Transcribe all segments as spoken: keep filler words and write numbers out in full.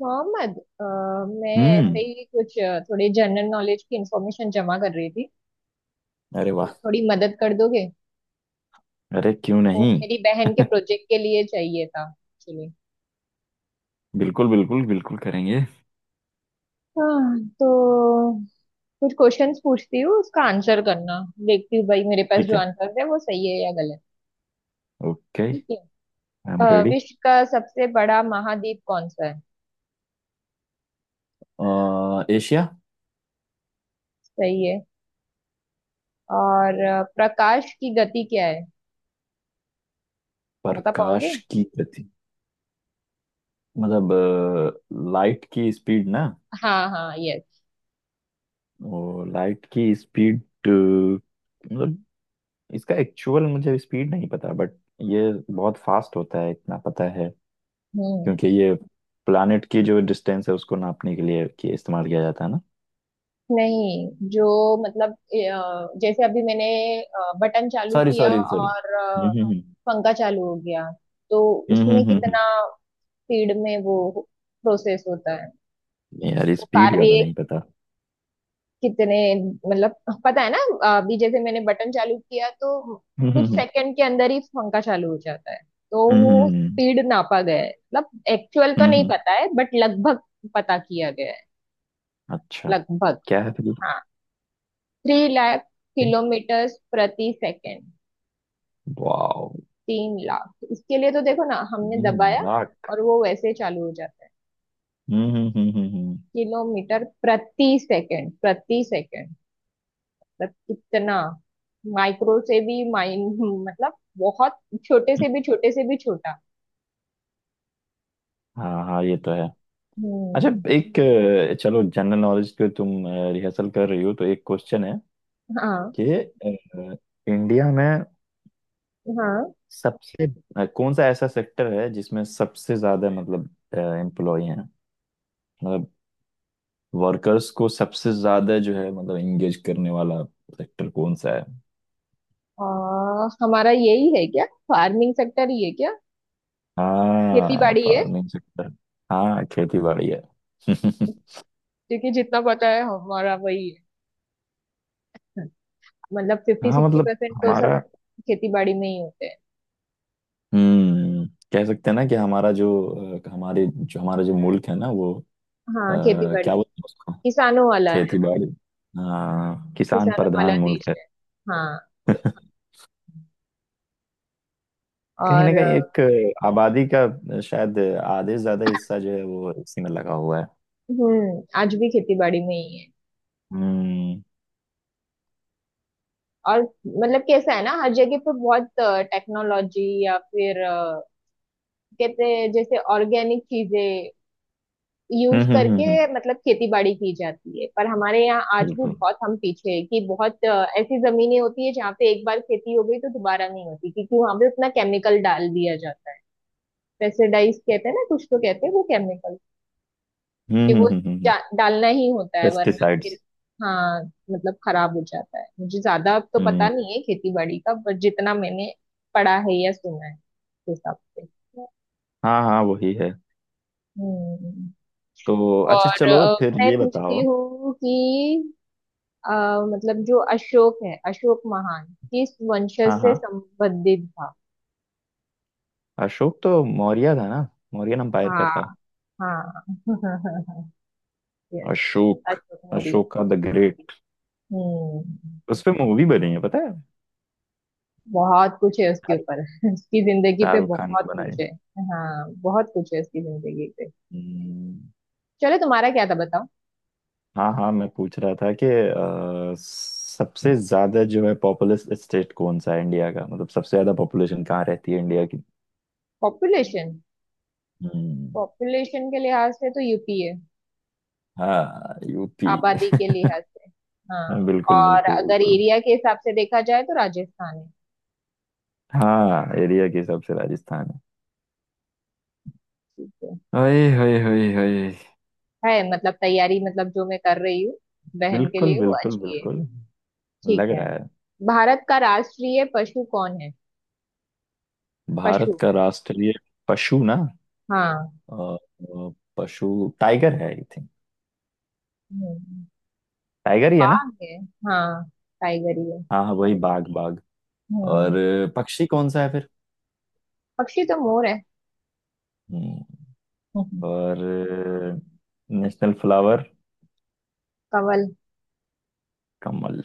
मोहम्मद। अ, मैं ऐसे हम्म। ही कुछ अ, थोड़ी जनरल नॉलेज की इंफॉर्मेशन जमा कर रही थी, अरे तो वाह। थोड़ी मदद कर दोगे? अरे क्यों वो नहीं। मेरी बहन के प्रोजेक्ट के लिए चाहिए था, एक्चुअली। बिल्कुल, बिल्कुल, बिल्कुल करेंगे। हाँ, तो कुछ क्वेश्चंस पूछती हूँ, उसका आंसर करना। देखती हूँ भाई, मेरे पास ठीक जो है। आंसर है वो सही है या गलत। ओके, आई ठीक है। एम अ, रेडी। विश्व का सबसे बड़ा महाद्वीप कौन सा है? एशिया। सही है। और अ, प्रकाश की गति क्या है? बता पाओगे? प्रकाश की गति मतलब लाइट की स्पीड ना। हाँ हाँ, यस। वो लाइट की स्पीड, मतलब इसका एक्चुअल मुझे स्पीड नहीं पता, बट ये बहुत फास्ट होता है इतना पता है। हम्म। क्योंकि ये प्लानिट की जो डिस्टेंस है उसको नापने के लिए कि इस्तेमाल किया जाता है ना। नहीं, जो मतलब अ, जैसे अभी मैंने बटन चालू सॉरी, किया सॉरी, सॉरी। और हम्म, अ, हम्म, पंखा चालू हो गया, तो हम्म, हम्म, उसमें हम्म, हम्म, हम्म। कितना स्पीड में वो प्रोसेस होता है, नहीं यार, वो स्पीड का तो कार्य नहीं पता। कितने, मतलब पता है ना? अभी जैसे मैंने बटन चालू किया तो कुछ हम्म, सेकंड के अंदर ही पंखा चालू हो जाता है। तो वो हम्म, स्पीड नापा गया है, मतलब एक्चुअल तो हम्म, नहीं हम्म। पता है बट लगभग पता किया गया है। अच्छा। लगभग, क्या है फिर? हाँ। थ्री लाख किलोमीटर प्रति सेकेंड। वाओ। तीन लाख, इसके लिए तो देखो ना, हमने दबाया नाक। और वो वैसे ही चालू हो जाता है। हम्म, हम्म, हम्म, हम्म, किलोमीटर प्रति सेकंड प्रति सेकंड, मतलब कितना माइक्रो से भी माइन मतलब बहुत छोटे हम्म। से भी छोटे से भी छोटा। हाँ, हाँ, ये तो है। अच्छा, हम्म। एक अ, चलो जनरल नॉलेज पे तुम रिहर्सल कर रही हो तो एक क्वेश्चन है हाँ कि अ, इंडिया में हाँ। सबसे अ, कौन सा ऐसा सेक्टर है जिसमें सबसे ज्यादा, मतलब, एम्प्लॉय हैं? मतलब वर्कर्स को सबसे ज्यादा जो है मतलब एंगेज करने वाला सेक्टर कौन सा है? और हमारा यही है क्या? फार्मिंग सेक्टर ही है क्या? खेती हाँ, बाड़ी है। Farming sector. हाँ, खेती बाड़ी है। क्योंकि जितना पता है हमारा वही है, मतलब फिफ्टी हाँ, सिक्सटी मतलब परसेंट तो सब हमारा। खेती बाड़ी में ही होते हैं। हम्म। कह सकते हैं ना कि हमारा जो अ, हमारे जो हमारा जो मुल्क है ना, वो अ, हाँ, खेती बाड़ी। क्या बोलते हैं उसको? किसानों वाला खेती है, बाड़ी। हाँ, किसान किसानों वाला प्रधान मुल्क देश है। है। हाँ। ये- कहीं ना और अ, कहीं एक अ, आबादी का, अ, शायद आधे से ज्यादा हिस्सा जो है वो इसी में लगा हुआ है। हम्म, आज भी खेती बाड़ी में ही है। हम्म, और मतलब कैसा है ना, हर जगह पे बहुत टेक्नोलॉजी या फिर अ, कहते हैं जैसे ऑर्गेनिक चीजें हम्म, यूज हम्म, करके, हम्म, हम्म। मतलब खेती बाड़ी की जाती है, पर हमारे यहाँ आज भी बिल्कुल। बहुत हम पीछे हैं। कि बहुत अ, ऐसी जमीनें होती है जहाँ पे एक बार खेती हो गई तो दोबारा नहीं होती, क्योंकि वहां पे उतना केमिकल डाल दिया जाता है। पेस्टिसाइड्स कहते हैं ना कुछ, तो कहते हैं वो केमिकल, कि हम्म, वो हम्म, हम्म, जा- डालना ही होता है वरना फिर पेस्टिसाइड्स। हाँ मतलब खराब हो जाता है। मुझे ज्यादा अब तो पता हम्म, pesticides, हम्म। नहीं है खेती बाड़ी का, पर जितना मैंने पढ़ा है या सुना है उस हिसाब से। हाँ, हाँ, वही है। हम्म। तो अच्छा, और चलो अ, फिर मैं ये पूछती बताओ। हूँ कि अ, मतलब जो अशोक है, अशोक महान, किस वंशज हाँ, से हाँ, संबंधित था? अशोक तो मौर्य था ना, मौर्यन एम्पायर का हाँ था। हाँ। Yes, Ashok. Ashok Maurya. Ashoka the great. हम्म। उस पे मूवी बनी है, पता है। बहुत कुछ है उसके शाहरुख ऊपर उसकी जिंदगी पे शाहरुख खान ने बहुत बनाई कुछ है। है। हाँ, बहुत कुछ है उसकी जिंदगी पे। हम्म। चलो, तुम्हारा क्या था, बताओ। हाँ, हाँ, मैं पूछ रहा था कि अ, सबसे ज्यादा जो है पॉपुलस स्टेट कौन सा है इंडिया का? मतलब सबसे ज्यादा पॉपुलेशन कहाँ रहती है इंडिया की? पॉपुलेशन? हम्म। पॉपुलेशन के लिहाज से तो यू पी है, हाँ, यूपी। आबादी के लिहाज से। हाँ। बिल्कुल, और बिल्कुल, अगर बिल्कुल। एरिया के हिसाब से देखा जाए तो राजस्थान है। हाँ, एरिया के हिसाब से राजस्थान ठीक है है। ओए होए, होए, होए। है मतलब तैयारी, मतलब जो मैं कर रही हूँ बहन के बिल्कुल, लिए वो बिल्कुल, अच्छी है। बिल्कुल। ठीक लग है। रहा है। भारत का राष्ट्रीय पशु कौन है? भारत पशु। का राष्ट्रीय पशु ना। हाँ। अ, अ, पशु। टाइगर है, आई थिंक। हम्म, टाइगर ही है ना? बाघ है। हाँ, टाइगर ही है। हाँ, हाँ, वही, बाघ बाघ। और हम्म। अ, पक्षी कौन सा है फिर? पक्षी तो मोर है। हम्म। हम्म। और नेशनल फ्लावर? कवल। कमल।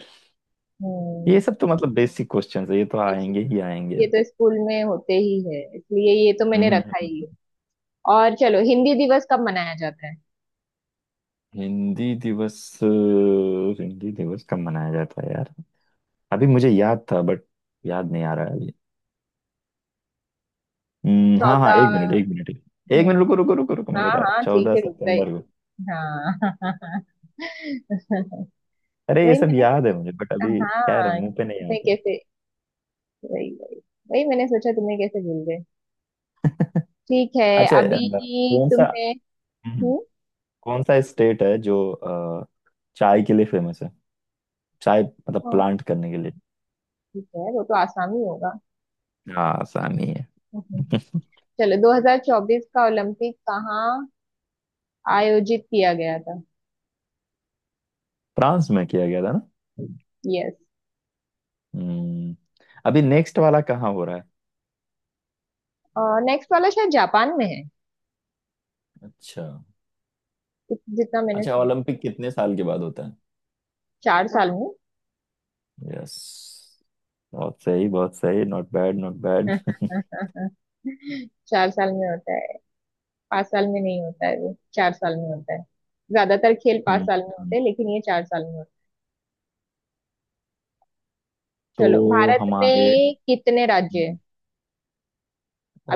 हम्म। ये सब तो मतलब बेसिक क्वेश्चंस है, ये तो बेशक। आएंगे ही आएंगे। ये तो स्कूल में होते ही है, इसलिए ये तो मैंने हम्म, हम्म, रखा ही है। हम्म। और चलो, हिंदी दिवस कब मनाया जाता है? हिंदी दिवस अ, हिंदी दिवस कब मनाया जाता है यार? अभी मुझे याद था, बट याद नहीं आ रहा है अभी। हम्म, हाँ, हाँ, एक चौदह। मिनट, एक मिनट। एक मिनट, हम्म। रुको, रुको, रुको, रुको, मैं हाँ बता रहा हूँ, हाँ ठीक चौदह है, रुक गई। सितंबर को। हाँ। अरे, ये वही सब मैंने याद है मुझे, बट सोचा, अभी क्या है हाँ मुंह पे नहीं तुम्हें आता। कैसे, वही वही, वही मैंने सोचा तुम्हें कैसे भूल गए। ठीक है। अच्छा अभी अ, कौन सा? तुम्हें। हम्म। हम्म। कौन सा स्टेट है जो अ, चाय के लिए फेमस है? चाय मतलब हाँ, प्लांट करने के लिए। ठीक है वो तो आसानी होगा। हाँ, आसानी है। हम्म। चलो, दो हज़ार चौबीस का ओलंपिक कहाँ आयोजित किया गया था? फ्रांस में किया गया था ना। यस। हम्म। अभी नेक्स्ट वाला कहाँ हो रहा है? नेक्स्ट वाला शायद जापान में है। अच्छा। इत- जितना मैंने अच्छा, सुना। ओलंपिक कितने साल के बाद होता चार साल में। है? यस। बहुत सही, बहुत सही, नॉट बैड, नॉट बैड। चार साल में होता है, पांच साल में नहीं होता है, वो चार साल में होता है। ज्यादातर खेल पांच हम्म। साल में होते हैं, लेकिन ये चार साल में होता है। चलो, तो भारत हमारे में कितने राज्य है,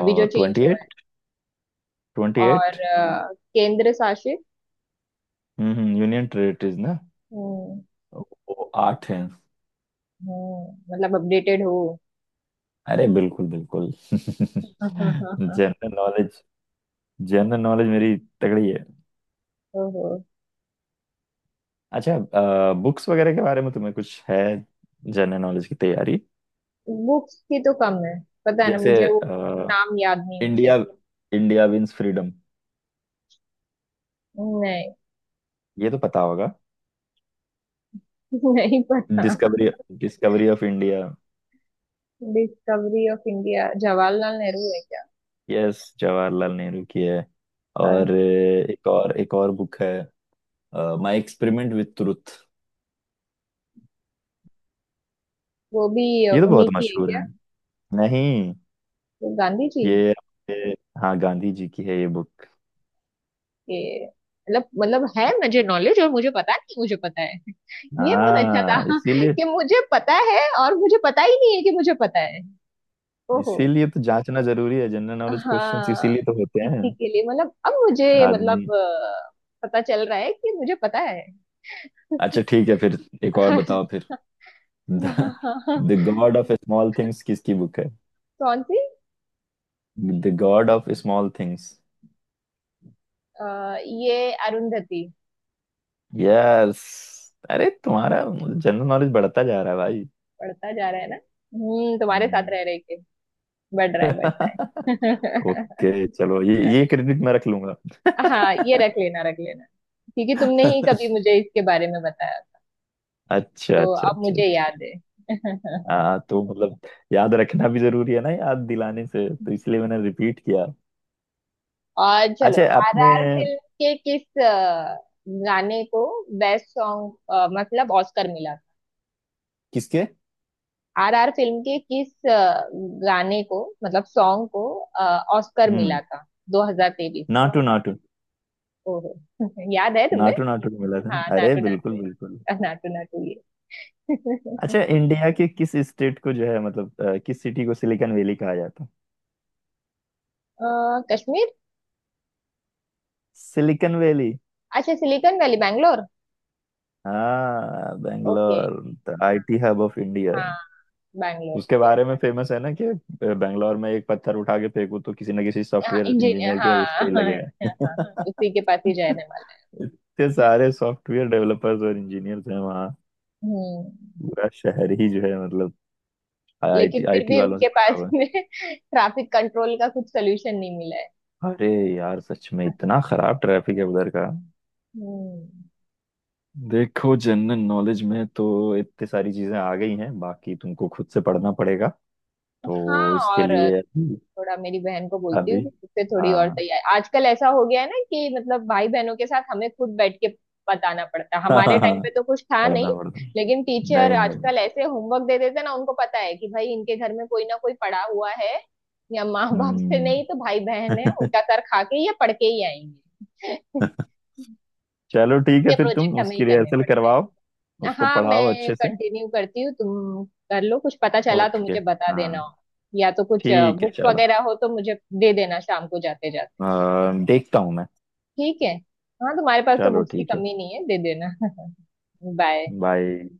अभी जो चेंज हुआ है? एट, ट्वेंटी और एट अ, केंद्र शासित। हम्म, यूनियन टेरिटरीज ना। हम्म। वो आठ हैं। हम्म, मतलब अपडेटेड हो। अरे, बिल्कुल, बिल्कुल। General knowledge. जनरल नॉलेज मेरी तगड़ी है। ओहो। अच्छा, बुक्स वगैरह के बारे में तुम्हें कुछ है? जनरल नॉलेज की तैयारी। बुक्स की तो कम है, पता है ना जैसे मुझे वो नाम याद नहीं होते। India India wins freedom. नहीं। ये तो पता होगा। नहीं पता। Discovery discovery of India. Discovery of India Jawaharlal Nehru है क्या? यस, जवाहरलाल नेहरू की है। हाँ। और अ, एक और एक और बुक है, माय एक्सपेरिमेंट विथ ट्रुथ। वो भी ये तो बहुत उन्हीं की है मशहूर क्या? है। नहीं। वो गांधी जी ये ये- हाँ, गांधी जी की है ये बुक। के मतलब मतलब है मुझे नॉलेज और मुझे पता नहीं मुझे पता है। ये बहुत अच्छा था हाँ, इसीलिए। कि मुझे पता है और मुझे पता ही नहीं है कि मुझे पता है। ओहो। इसीलिए तो जांचना जरूरी है, जनरल नॉलेज क्वेश्चंस हाँ, इसीलिए तो होते हैं। इसी के लिए मतलब अब मुझे मतलब आदमी। अ, पता चल रहा है कि मुझे पता है। अच्छा, ठीक है फिर, एक और बताओ फिर। The god of small things किसकी बुक है? कौन सी? The god of small things. अ, ये अरुंधति। यस। अरे, तुम्हारा जनरल नॉलेज बढ़ता जा रहा है भाई। बढ़ता जा रहा है ना, हम्म, तुम्हारे साथ हम्म। रह रहे के बढ़ रहा है बढ़ रहा है। ओके चलो, ये ये क्रेडिट मैं रख लूंगा। हाँ, ये रख लेना रख लेना, क्योंकि तुमने ही कभी मुझे इसके बारे में बताया अच्छा, तो अच्छा, अब अच्छा, मुझे अच्छा। याद है। हाँ, तो मतलब, याद रखना भी जरूरी है ना याद दिलाने से तो, इसलिए मैंने रिपीट किया। और चलो, अच्छा, आपने? आर आर फिल्म के किस अ, गाने को बेस्ट सॉन्ग मतलब ऑस्कर मिला था? किसके? आर आर फिल्म के किस अ, गाने को मतलब सॉन्ग को ऑस्कर मिला हम्म। था? दो हज़ार तेईस। नाटू नाटू। ओहो। याद है तुम्हें? नाटू नाटू को मिला था ना, हाँ, अरे नाटू नाटू बिल्कुल, बिल्कुल। है, नाटू नाटू ये। अच्छा, इंडिया के किस स्टेट को जो है, मतलब, अ, किस सिटी को सिलिकन वैली कहा जाता है? अ, कश्मीर? Silicon valley? अच्छा, सिलिकॉन वैली बैंगलोर। हाँ, okay. Bangalore. The IT hub of India. हाँ, बैंगलोर उसके यस। बारे में फेमस है ना कि बेंगलोर में एक पत्थर उठा के फेंकू तो किसी ना किसी हाँ सॉफ्टवेयर इंजीनियर, इंजीनियर के उस हाँ पे ही हाँ। लगे हैं। हाँ, उसी के पास ही जाने वाला है। इतने सारे सॉफ्टवेयर डेवलपर्स और इंजीनियर्स हैं वहाँ। हम्म। पूरा शहर ही जो है, मतलब, लेकिन आईटी फिर आईटी भी वालों से उनके भरा पास हुआ में ट्रैफिक कंट्रोल का कुछ सोल्यूशन नहीं मिला है। है। अरे यार, सच में इतना खराब ट्रैफिक है उधर का। हम्म। देखो, जनरल नॉलेज में तो इतनी सारी चीजें आ गई हैं, बाकी तुमको खुद से पढ़ना पड़ेगा। हाँ, तो इसके और लिए अभी। थोड़ा मेरी बहन को बोलती हूँ अभी, कि उससे थोड़ी और हाँ। तैयारी, आजकल ऐसा हो गया है ना कि मतलब भाई बहनों के साथ हमें खुद बैठ के बताना पड़ता है, हमारे टाइम पे तो कुछ था पढ़ना नहीं। पड़ता, लेकिन टीचर नहीं, नहीं। आजकल ऐसे होमवर्क दे देते हैं ना, उनको पता है कि भाई इनके घर में कोई ना कोई पड़ा हुआ है, या माँ बाप से हम्म। नहीं तो भाई बहन है, उनका सर खा के या पढ़ के ही आएंगे। चलो ठीक है, उनके फिर तुम प्रोजेक्ट हमें ही उसकी करने रिहर्सल पड़ते करवाओ, हैं। उसको हाँ, पढ़ाओ मैं अच्छे से। कंटिन्यू करती हूँ, तुम कर लो, कुछ पता चला तो ओके। मुझे बता हाँ, देना। या तो कुछ ठीक है, बुक्स चलो। वगैरह हो तो मुझे दे देना शाम को जाते जाते। अ, देखता हूँ मैं। ठीक है। हाँ, तुम्हारे पास तो चलो बुक्स की ठीक है। कमी नहीं है, दे देना। बाय। बाय।